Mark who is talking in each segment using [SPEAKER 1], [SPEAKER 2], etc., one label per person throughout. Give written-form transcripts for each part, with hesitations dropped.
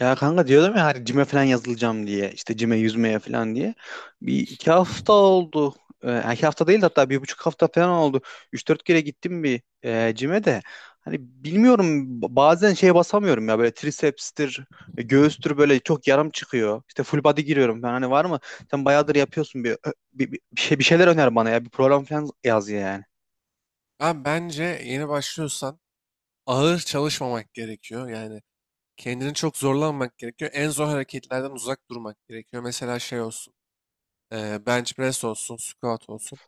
[SPEAKER 1] Ya kanka diyordum ya, hani cime falan yazılacağım diye, işte cime yüzmeye falan diye bir iki hafta oldu. Yani iki hafta değil de, hatta bir buçuk hafta falan oldu. Üç dört kere gittim bir cime de. Hani bilmiyorum, bazen şeye basamıyorum ya, böyle triceps'tir, göğüstür, böyle çok yarım çıkıyor. İşte full body giriyorum ben, hani var mı? Sen bayağıdır yapıyorsun, bir şeyler öner bana ya, bir program falan yaz yani.
[SPEAKER 2] Bence yeni başlıyorsan ağır çalışmamak gerekiyor. Yani kendini çok zorlanmak gerekiyor. En zor hareketlerden uzak durmak gerekiyor. Mesela şey olsun, bench press olsun, squat olsun.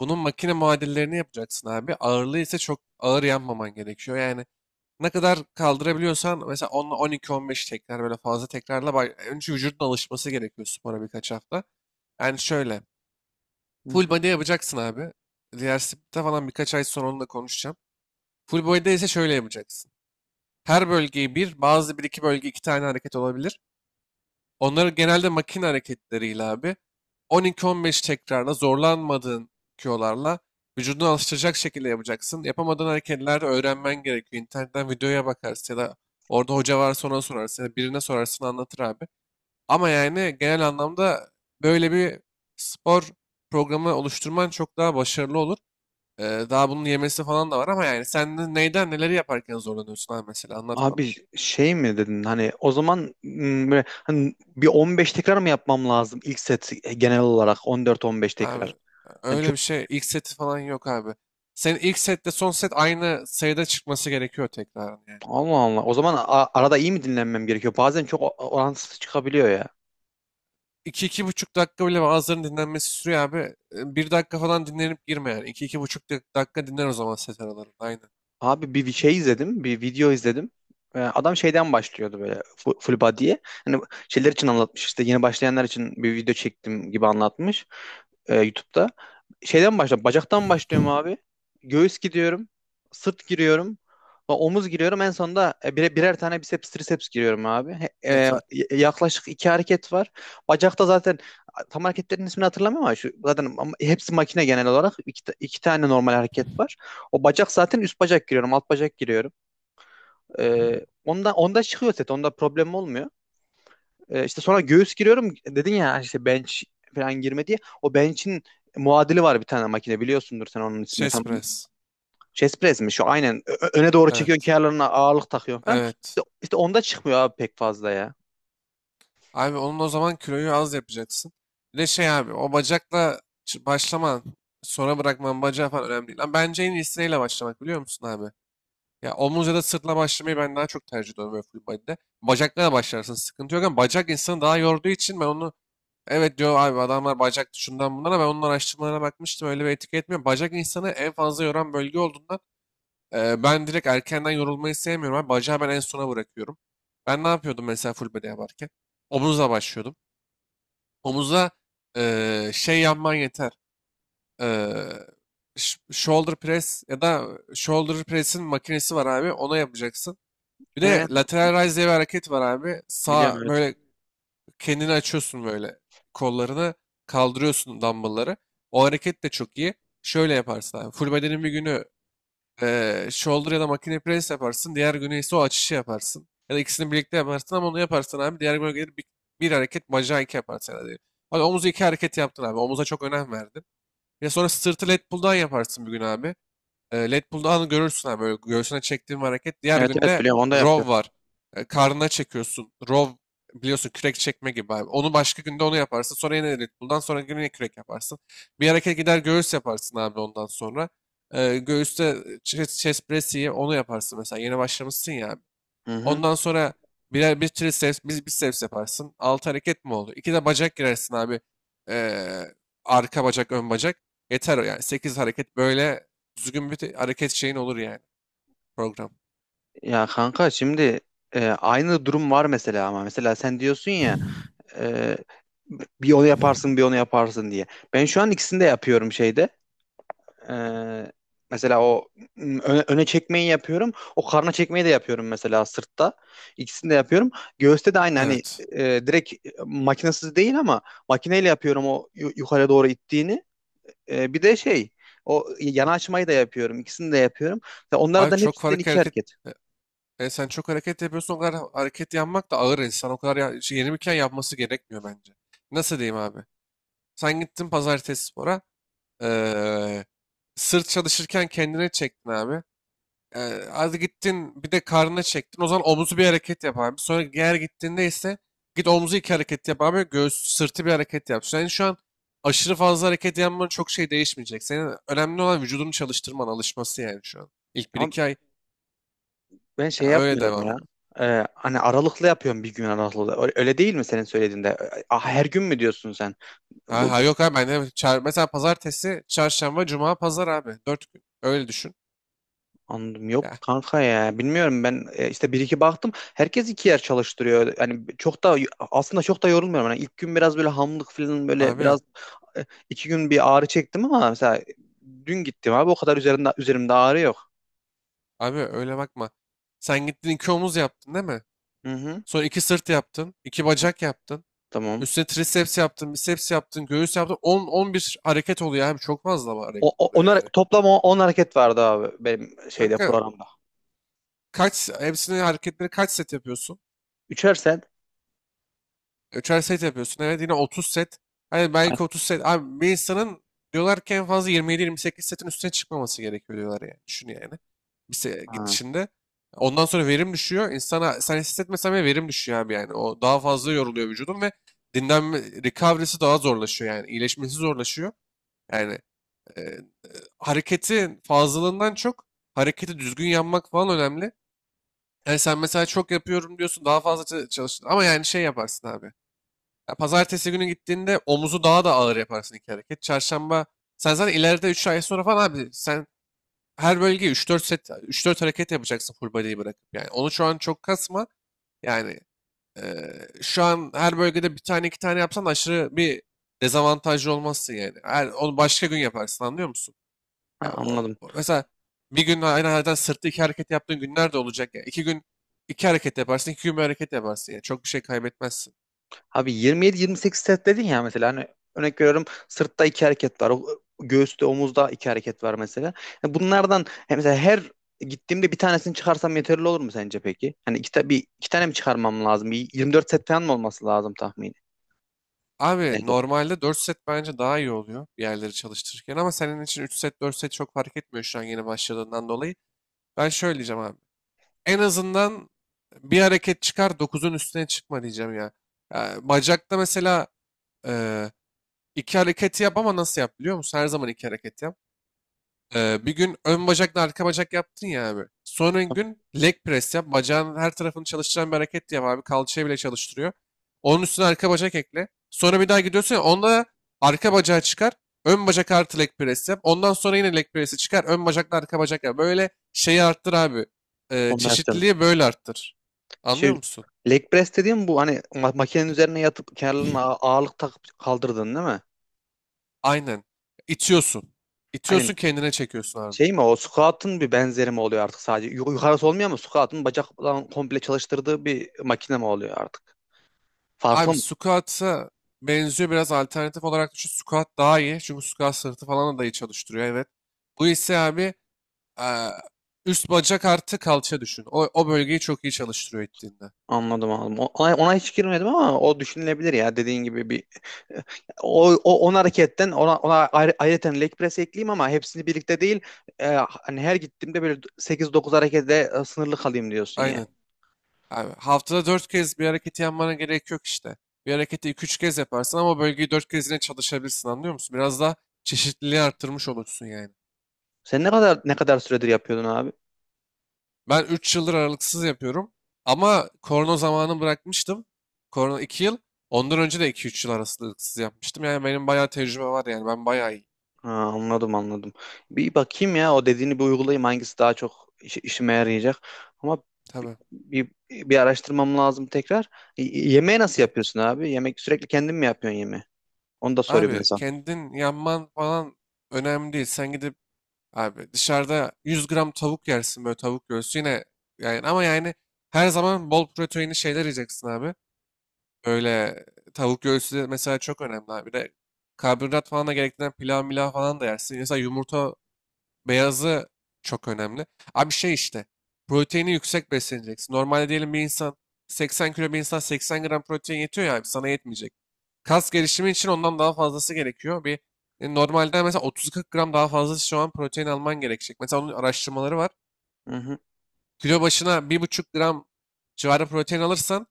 [SPEAKER 2] Bunun makine muadillerini yapacaksın abi. Ağırlığı ise çok ağır yapmaman gerekiyor. Yani ne kadar kaldırabiliyorsan mesela 10 12-15 tekrar böyle fazla tekrarla önce vücudun alışması gerekiyor spora birkaç hafta. Yani şöyle full body yapacaksın abi. Diğer split'te falan birkaç ay sonra onunla konuşacağım. Full body'de ise şöyle yapacaksın. Her bölgeyi bazı bir iki bölge iki tane hareket olabilir. Onları genelde makine hareketleriyle abi 12-15 tekrarla zorlanmadığın Q olarla, vücudunu alıştıracak şekilde yapacaksın. Yapamadığın hareketler öğrenmen gerekiyor. İnternetten videoya bakarsın ya da orada hoca varsa ona sorarsın ya da birine sorarsın anlatır abi. Ama yani genel anlamda böyle bir spor programı oluşturman çok daha başarılı olur. Ee, daha bunun yemesi falan da var ama yani sen neyden neleri yaparken zorlanıyorsun abi mesela anlat bana.
[SPEAKER 1] Abi şey mi dedin, hani o zaman böyle, hani bir 15 tekrar mı yapmam lazım ilk set, genel olarak 14-15
[SPEAKER 2] Abi
[SPEAKER 1] tekrar? Yani
[SPEAKER 2] öyle
[SPEAKER 1] çok.
[SPEAKER 2] bir şey. İlk seti falan yok abi. Senin ilk setle son set aynı sayıda çıkması gerekiyor tekrar yani.
[SPEAKER 1] Allah Allah. O zaman arada iyi mi dinlenmem gerekiyor? Bazen çok orantısız çıkabiliyor ya.
[SPEAKER 2] 2,5 dakika bile bazılarının dinlenmesi sürüyor abi. 1 dakika falan dinlenip girme yani. İki buçuk dakika dinlen o zaman set aralarında. Aynen.
[SPEAKER 1] Abi bir şey izledim, bir video izledim. Adam şeyden başlıyordu, böyle full body'ye. Hani şeyler için anlatmış, işte yeni başlayanlar için bir video çektim gibi anlatmış YouTube'da. Şeyden başla, bacaktan başlıyorum abi. Göğüs gidiyorum, sırt giriyorum, omuz giriyorum. En sonunda birer tane biceps, triceps giriyorum abi.
[SPEAKER 2] Yeter.
[SPEAKER 1] Yaklaşık iki hareket var. Bacakta zaten, tam hareketlerin ismini hatırlamıyorum ama şu zaten, ama hepsi makine genel olarak. İki tane normal hareket var. O bacak zaten, üst bacak giriyorum, alt bacak giriyorum. Onda çıkıyor set, onda problem olmuyor. İşte sonra göğüs giriyorum. Dedin ya işte, bench falan girme diye. O bench'in muadili var bir tane makine, biliyorsundur sen onun ismini tam.
[SPEAKER 2] Chest press.
[SPEAKER 1] Chest press mi şu? Aynen. Öne doğru çekiyorsun,
[SPEAKER 2] Evet.
[SPEAKER 1] kenarlarına ağırlık takıyorsun falan.
[SPEAKER 2] Evet.
[SPEAKER 1] İşte onda çıkmıyor abi pek fazla ya.
[SPEAKER 2] Abi onun o zaman kiloyu az yapacaksın. Bir de şey abi o bacakla başlaman, sonra bırakman bacağı falan önemli değil. Lan bence en iyisiyle başlamak biliyor musun abi? Ya omuz ya da sırtla başlamayı ben daha çok tercih ediyorum böyle full body'de. Bacakla da başlarsın sıkıntı yok ama bacak insanı daha yorduğu için ben onu evet diyor abi adamlar bacak şundan bundan ama ben onun araştırmalarına bakmıştım öyle bir etki etmiyor. Bacak insanı en fazla yoran bölge olduğundan ben direkt erkenden yorulmayı sevmiyorum abi. Bacağı ben en sona bırakıyorum. Ben ne yapıyordum mesela full body yaparken? Omuzla başlıyordum. Omuzla şey yapman yeter. E, Shoulder press ya da shoulder press'in makinesi var abi. Ona yapacaksın. Bir
[SPEAKER 1] Ee,
[SPEAKER 2] de lateral raise diye bir hareket var abi. Sağ
[SPEAKER 1] Biliyorum evet.
[SPEAKER 2] böyle kendini açıyorsun böyle. Kollarını kaldırıyorsun dumbbellları. O hareket de çok iyi. Şöyle yaparsın abi. Full bedenin bir günü shoulder ya da makine press yaparsın. Diğer günü ise o açışı yaparsın. Ya da ikisini birlikte yaparsın ama onu yaparsan abi diğer güne gelir bir hareket bacağı iki yaparsın. Yani. Hadi omuzu iki hareket yaptın abi. Omuza çok önem verdin. Ya sonra sırtı lat pull'dan yaparsın bir gün abi. Lat Pulldown'u görürsün abi böyle göğsüne çektiğin bir hareket. Diğer
[SPEAKER 1] Evet evet,
[SPEAKER 2] günde
[SPEAKER 1] biliyorum, onda
[SPEAKER 2] row
[SPEAKER 1] yapıyorum.
[SPEAKER 2] var. Karnına çekiyorsun. Row biliyorsun kürek çekme gibi abi. Onu başka günde onu yaparsın. Sonra yine lat pull'dan sonra yine kürek yaparsın. Bir hareket gider göğüs yaparsın abi ondan sonra. Göğüste chest press onu yaparsın mesela. Yeni başlamışsın ya.
[SPEAKER 1] Hı hı.
[SPEAKER 2] Ondan sonra bir triceps, bir biceps yaparsın. Altı hareket mi oldu? İki de bacak girersin abi. Ee, arka bacak, ön bacak. Yeter o yani. Sekiz hareket böyle düzgün bir hareket şeyin olur yani program.
[SPEAKER 1] Ya kanka şimdi aynı durum var mesela, ama mesela sen diyorsun ya, Ee, bir onu yaparsın bir onu yaparsın diye. Ben şu an ikisini de yapıyorum şeyde. Ee, Mesela o öne çekmeyi yapıyorum. O karna çekmeyi de yapıyorum mesela, sırtta. İkisini de yapıyorum. Göğüste de aynı, hani
[SPEAKER 2] Evet.
[SPEAKER 1] direkt, makinesiz değil ama makineyle yapıyorum o yukarı doğru ittiğini. Bir de şey, o yana açmayı da yapıyorum. İkisini de yapıyorum. Ve
[SPEAKER 2] Abi
[SPEAKER 1] onlardan
[SPEAKER 2] çok
[SPEAKER 1] hepsinden
[SPEAKER 2] farklı
[SPEAKER 1] iki
[SPEAKER 2] hareket.
[SPEAKER 1] hareket.
[SPEAKER 2] Sen çok hareket yapıyorsun o kadar hareket yapmak da ağır insan. O kadar ya, şey, yenilirken yapması gerekmiyor bence. Nasıl diyeyim abi? Sen gittin pazartesi spora. ee, sırt çalışırken kendine çektin abi. Hadi gittin bir de karnına çektin. O zaman omuzu bir hareket yap abi. Sonra diğer gittiğinde ise git omuzu iki hareket yap abi. Göğüs sırtı bir hareket yap. Yani şu an aşırı fazla hareket yapman çok şey değişmeyecek. Senin önemli olan vücudunu çalıştırman, alışması yani şu an. İlk bir iki ay
[SPEAKER 1] Ben şey
[SPEAKER 2] ya öyle
[SPEAKER 1] yapmıyorum
[SPEAKER 2] devam
[SPEAKER 1] ya.
[SPEAKER 2] et.
[SPEAKER 1] Hani aralıklı yapıyorum, bir gün aralıklı. Öyle öyle değil mi senin söylediğinde? Ah, her gün mü diyorsun sen?
[SPEAKER 2] Ha,
[SPEAKER 1] Bu
[SPEAKER 2] ha
[SPEAKER 1] bu-
[SPEAKER 2] yok abi ben de mesela pazartesi, çarşamba, cuma, pazar abi. 4 gün. Öyle düşün.
[SPEAKER 1] Anladım,
[SPEAKER 2] Ya
[SPEAKER 1] yok kanka ya. Bilmiyorum ben, işte bir iki baktım. Herkes iki yer çalıştırıyor. Yani çok da, aslında çok da yorulmuyorum. Hani ilk gün biraz böyle hamlık falan, böyle
[SPEAKER 2] abi,
[SPEAKER 1] biraz iki gün bir ağrı çektim, ama mesela dün gittim abi, o kadar üzerimde ağrı yok.
[SPEAKER 2] abi öyle bakma. Sen gittin iki omuz yaptın değil mi?
[SPEAKER 1] Hı hı.
[SPEAKER 2] Sonra iki sırt yaptın, iki bacak yaptın.
[SPEAKER 1] Tamam.
[SPEAKER 2] Üstüne triceps yaptın, biceps yaptın, göğüs yaptın. 10-11 hareket oluyor abi. Çok fazla hareket oluyor yani.
[SPEAKER 1] Toplam 10 hareket vardı abi, benim şeyde,
[SPEAKER 2] Kanka
[SPEAKER 1] programda.
[SPEAKER 2] kaç hepsini hareketleri kaç set yapıyorsun?
[SPEAKER 1] Üçer sen.
[SPEAKER 2] Üçer set yapıyorsun. Evet yine 30 set. Hani
[SPEAKER 1] Ha,
[SPEAKER 2] belki 30 set. Abi bir insanın diyorlar ki en fazla 27-28 setin üstüne çıkmaması gerekiyor diyorlar yani. Düşün yani. Bir
[SPEAKER 1] ha,
[SPEAKER 2] gidişinde. Ondan sonra verim düşüyor. İnsana sen hissetmesen bile verim düşüyor abi yani. O daha fazla yoruluyor vücudun ve dinlenme recovery'si daha zorlaşıyor yani. İyileşmesi zorlaşıyor. Yani e, hareketin fazlalığından çok hareketi düzgün yapmak falan önemli. Yani sen mesela çok yapıyorum diyorsun daha fazla çalıştın ama yani şey yaparsın abi. Ya pazartesi günü gittiğinde omuzu daha da ağır yaparsın iki hareket. Çarşamba sen zaten ileride 3 ay sonra falan abi sen her bölgeye üç dört set üç dört hareket yapacaksın full body'yi bırakıp yani. Onu şu an çok kasma. Yani şu an her bölgede bir tane iki tane yapsan aşırı bir dezavantajlı olmazsın yani. Onu başka gün yaparsın anlıyor musun? Ya
[SPEAKER 1] anladım.
[SPEAKER 2] mesela bir gün aynı halden sırtı iki hareket yaptığın günler de olacak. Ya İki gün iki hareket yaparsın, iki gün bir hareket yaparsın. Yani çok bir şey kaybetmezsin.
[SPEAKER 1] Abi 27-28 set dedin ya, mesela hani örnek veriyorum, sırtta iki hareket var, göğüste, omuzda iki hareket var mesela. Yani bunlardan, yani mesela her gittiğimde bir tanesini çıkarsam yeterli olur mu sence peki? Hani iki tane mi çıkarmam lazım? Bir 24 set falan mı olması lazım tahmini?
[SPEAKER 2] Abi
[SPEAKER 1] Neyse.
[SPEAKER 2] normalde 4 set bence daha iyi oluyor bir yerleri çalıştırırken ama senin için 3 set 4 set çok fark etmiyor şu an yeni başladığından dolayı. Ben şöyle diyeceğim abi. En azından bir hareket çıkar dokuzun üstüne çıkma diyeceğim ya. Ya bacakta mesela e, iki hareketi yap ama nasıl yap biliyor musun? Her zaman iki hareket yap. Bir gün ön bacakla arka bacak yaptın ya abi. Sonra gün leg press yap. Bacağın her tarafını çalıştıran bir hareket yap abi. Kalçayı bile çalıştırıyor. Onun üstüne arka bacak ekle. Sonra bir daha gidiyorsun ya, onda arka bacağı çıkar. Ön bacak artı leg press yap. Ondan sonra yine leg press'i çıkar. Ön bacakla arka bacak yap. Böyle şeyi arttır abi. Ee,
[SPEAKER 1] Kombinasyon.
[SPEAKER 2] çeşitliliği böyle arttır.
[SPEAKER 1] Şey,
[SPEAKER 2] Anlıyor musun?
[SPEAKER 1] leg press dediğim bu, hani makinenin üzerine yatıp kenarlarına ağırlık takıp kaldırdın değil mi?
[SPEAKER 2] Aynen. İtiyorsun.
[SPEAKER 1] Hani
[SPEAKER 2] İtiyorsun kendine çekiyorsun abi.
[SPEAKER 1] şey mi o, squat'ın bir benzeri mi oluyor artık sadece? Yukarısı olmuyor mu? Squat'ın bacaktan komple çalıştırdığı bir makine mi oluyor artık? Farklı
[SPEAKER 2] Abi
[SPEAKER 1] mı?
[SPEAKER 2] squat'a benziyor biraz alternatif olarak düşün. Squat daha iyi. Çünkü squat sırtı falan da iyi çalıştırıyor evet. Bu ise abi eee, üst bacak artı kalça düşün. O bölgeyi çok iyi çalıştırıyor ettiğinde.
[SPEAKER 1] Anladım anladım. Ona hiç girmedim, ama o düşünülebilir ya, dediğin gibi bir o, o on hareketten ayrıca leg press ekleyeyim, ama hepsini birlikte değil. Hani her gittiğimde böyle sekiz dokuz harekete sınırlı kalayım diyorsun ya.
[SPEAKER 2] Aynen. Abi, haftada 4 kez bir hareketi yapmana gerek yok işte. Bir hareketi iki üç kez yaparsın ama o bölgeyi 4 kez yine çalışabilirsin anlıyor musun? Biraz daha çeşitliliği arttırmış olursun yani.
[SPEAKER 1] Sen ne kadar süredir yapıyordun abi?
[SPEAKER 2] Ben 3 yıldır aralıksız yapıyorum. Ama korona zamanı bırakmıştım. Korona 2 yıl. Ondan önce de iki üç yıl aralıksız yapmıştım. Yani benim bayağı tecrübe var yani. Ben bayağı iyi.
[SPEAKER 1] Ha, anladım anladım. Bir bakayım ya o dediğini, bir uygulayayım hangisi daha çok işime yarayacak. Ama
[SPEAKER 2] Tabii.
[SPEAKER 1] bir araştırmam lazım tekrar. Yemeği nasıl
[SPEAKER 2] Evet.
[SPEAKER 1] yapıyorsun abi? Yemek sürekli kendin mi yapıyorsun yemeği? Onu da sorayım ben
[SPEAKER 2] Abi
[SPEAKER 1] sana.
[SPEAKER 2] kendin yanman falan önemli değil. Sen gidip abi dışarıda 100 gram tavuk yersin böyle tavuk göğsü yine yani ama yani her zaman bol proteinli şeyler yiyeceksin abi. Böyle tavuk göğsü de mesela çok önemli abi. Bir de karbonhidrat falan da gerektiren pilav milav falan da yersin. Mesela yumurta beyazı çok önemli. Abi şey işte. Proteini yüksek besleneceksin. Normalde diyelim bir insan 80 kilo bir insan 80 gram protein yetiyor ya abi, sana yetmeyecek. Kas gelişimi için ondan daha fazlası gerekiyor. Bir normalden mesela 30-40 gram daha fazla şu an protein alman gerekecek. Mesela onun araştırmaları var.
[SPEAKER 1] Hı hı.
[SPEAKER 2] Kilo başına 1,5 gram civarı protein alırsan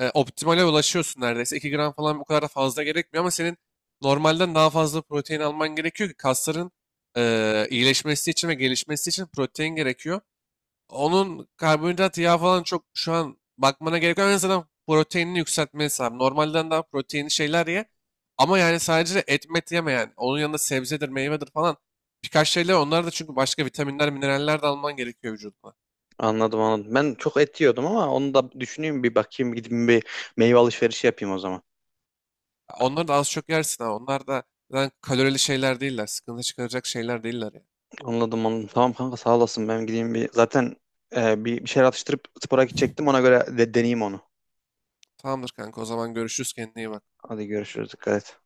[SPEAKER 2] optimale ulaşıyorsun neredeyse. 2 gram falan bu kadar da fazla gerekmiyor ama senin normalden daha fazla protein alman gerekiyor ki kasların iyileşmesi için ve gelişmesi için protein gerekiyor. Onun karbonhidrat, yağ falan çok şu an bakmana gerek yok. En azından proteinini yükseltmesi lazım. Normalden daha proteinli şeyler ye. Ama yani sadece et met yeme yani. Onun yanında sebzedir, meyvedir falan. Birkaç şeyler onlar da çünkü başka vitaminler, mineraller de alman gerekiyor vücuduna.
[SPEAKER 1] Anladım anladım. Ben çok et yiyordum, ama onu da düşüneyim, bir bakayım, gideyim bir meyve alışverişi yapayım o zaman.
[SPEAKER 2] Onları da az çok yersin ha. Onlar da zaten kalorili şeyler değiller. Sıkıntı çıkaracak şeyler değiller ya.
[SPEAKER 1] Anladım anladım. Tamam kanka, sağ olasın. Ben gideyim bir zaten, bir şeyler atıştırıp spora gidecektim, ona göre de deneyeyim onu.
[SPEAKER 2] Tamamdır kanka o zaman görüşürüz kendine iyi bak.
[SPEAKER 1] Hadi görüşürüz, dikkat et.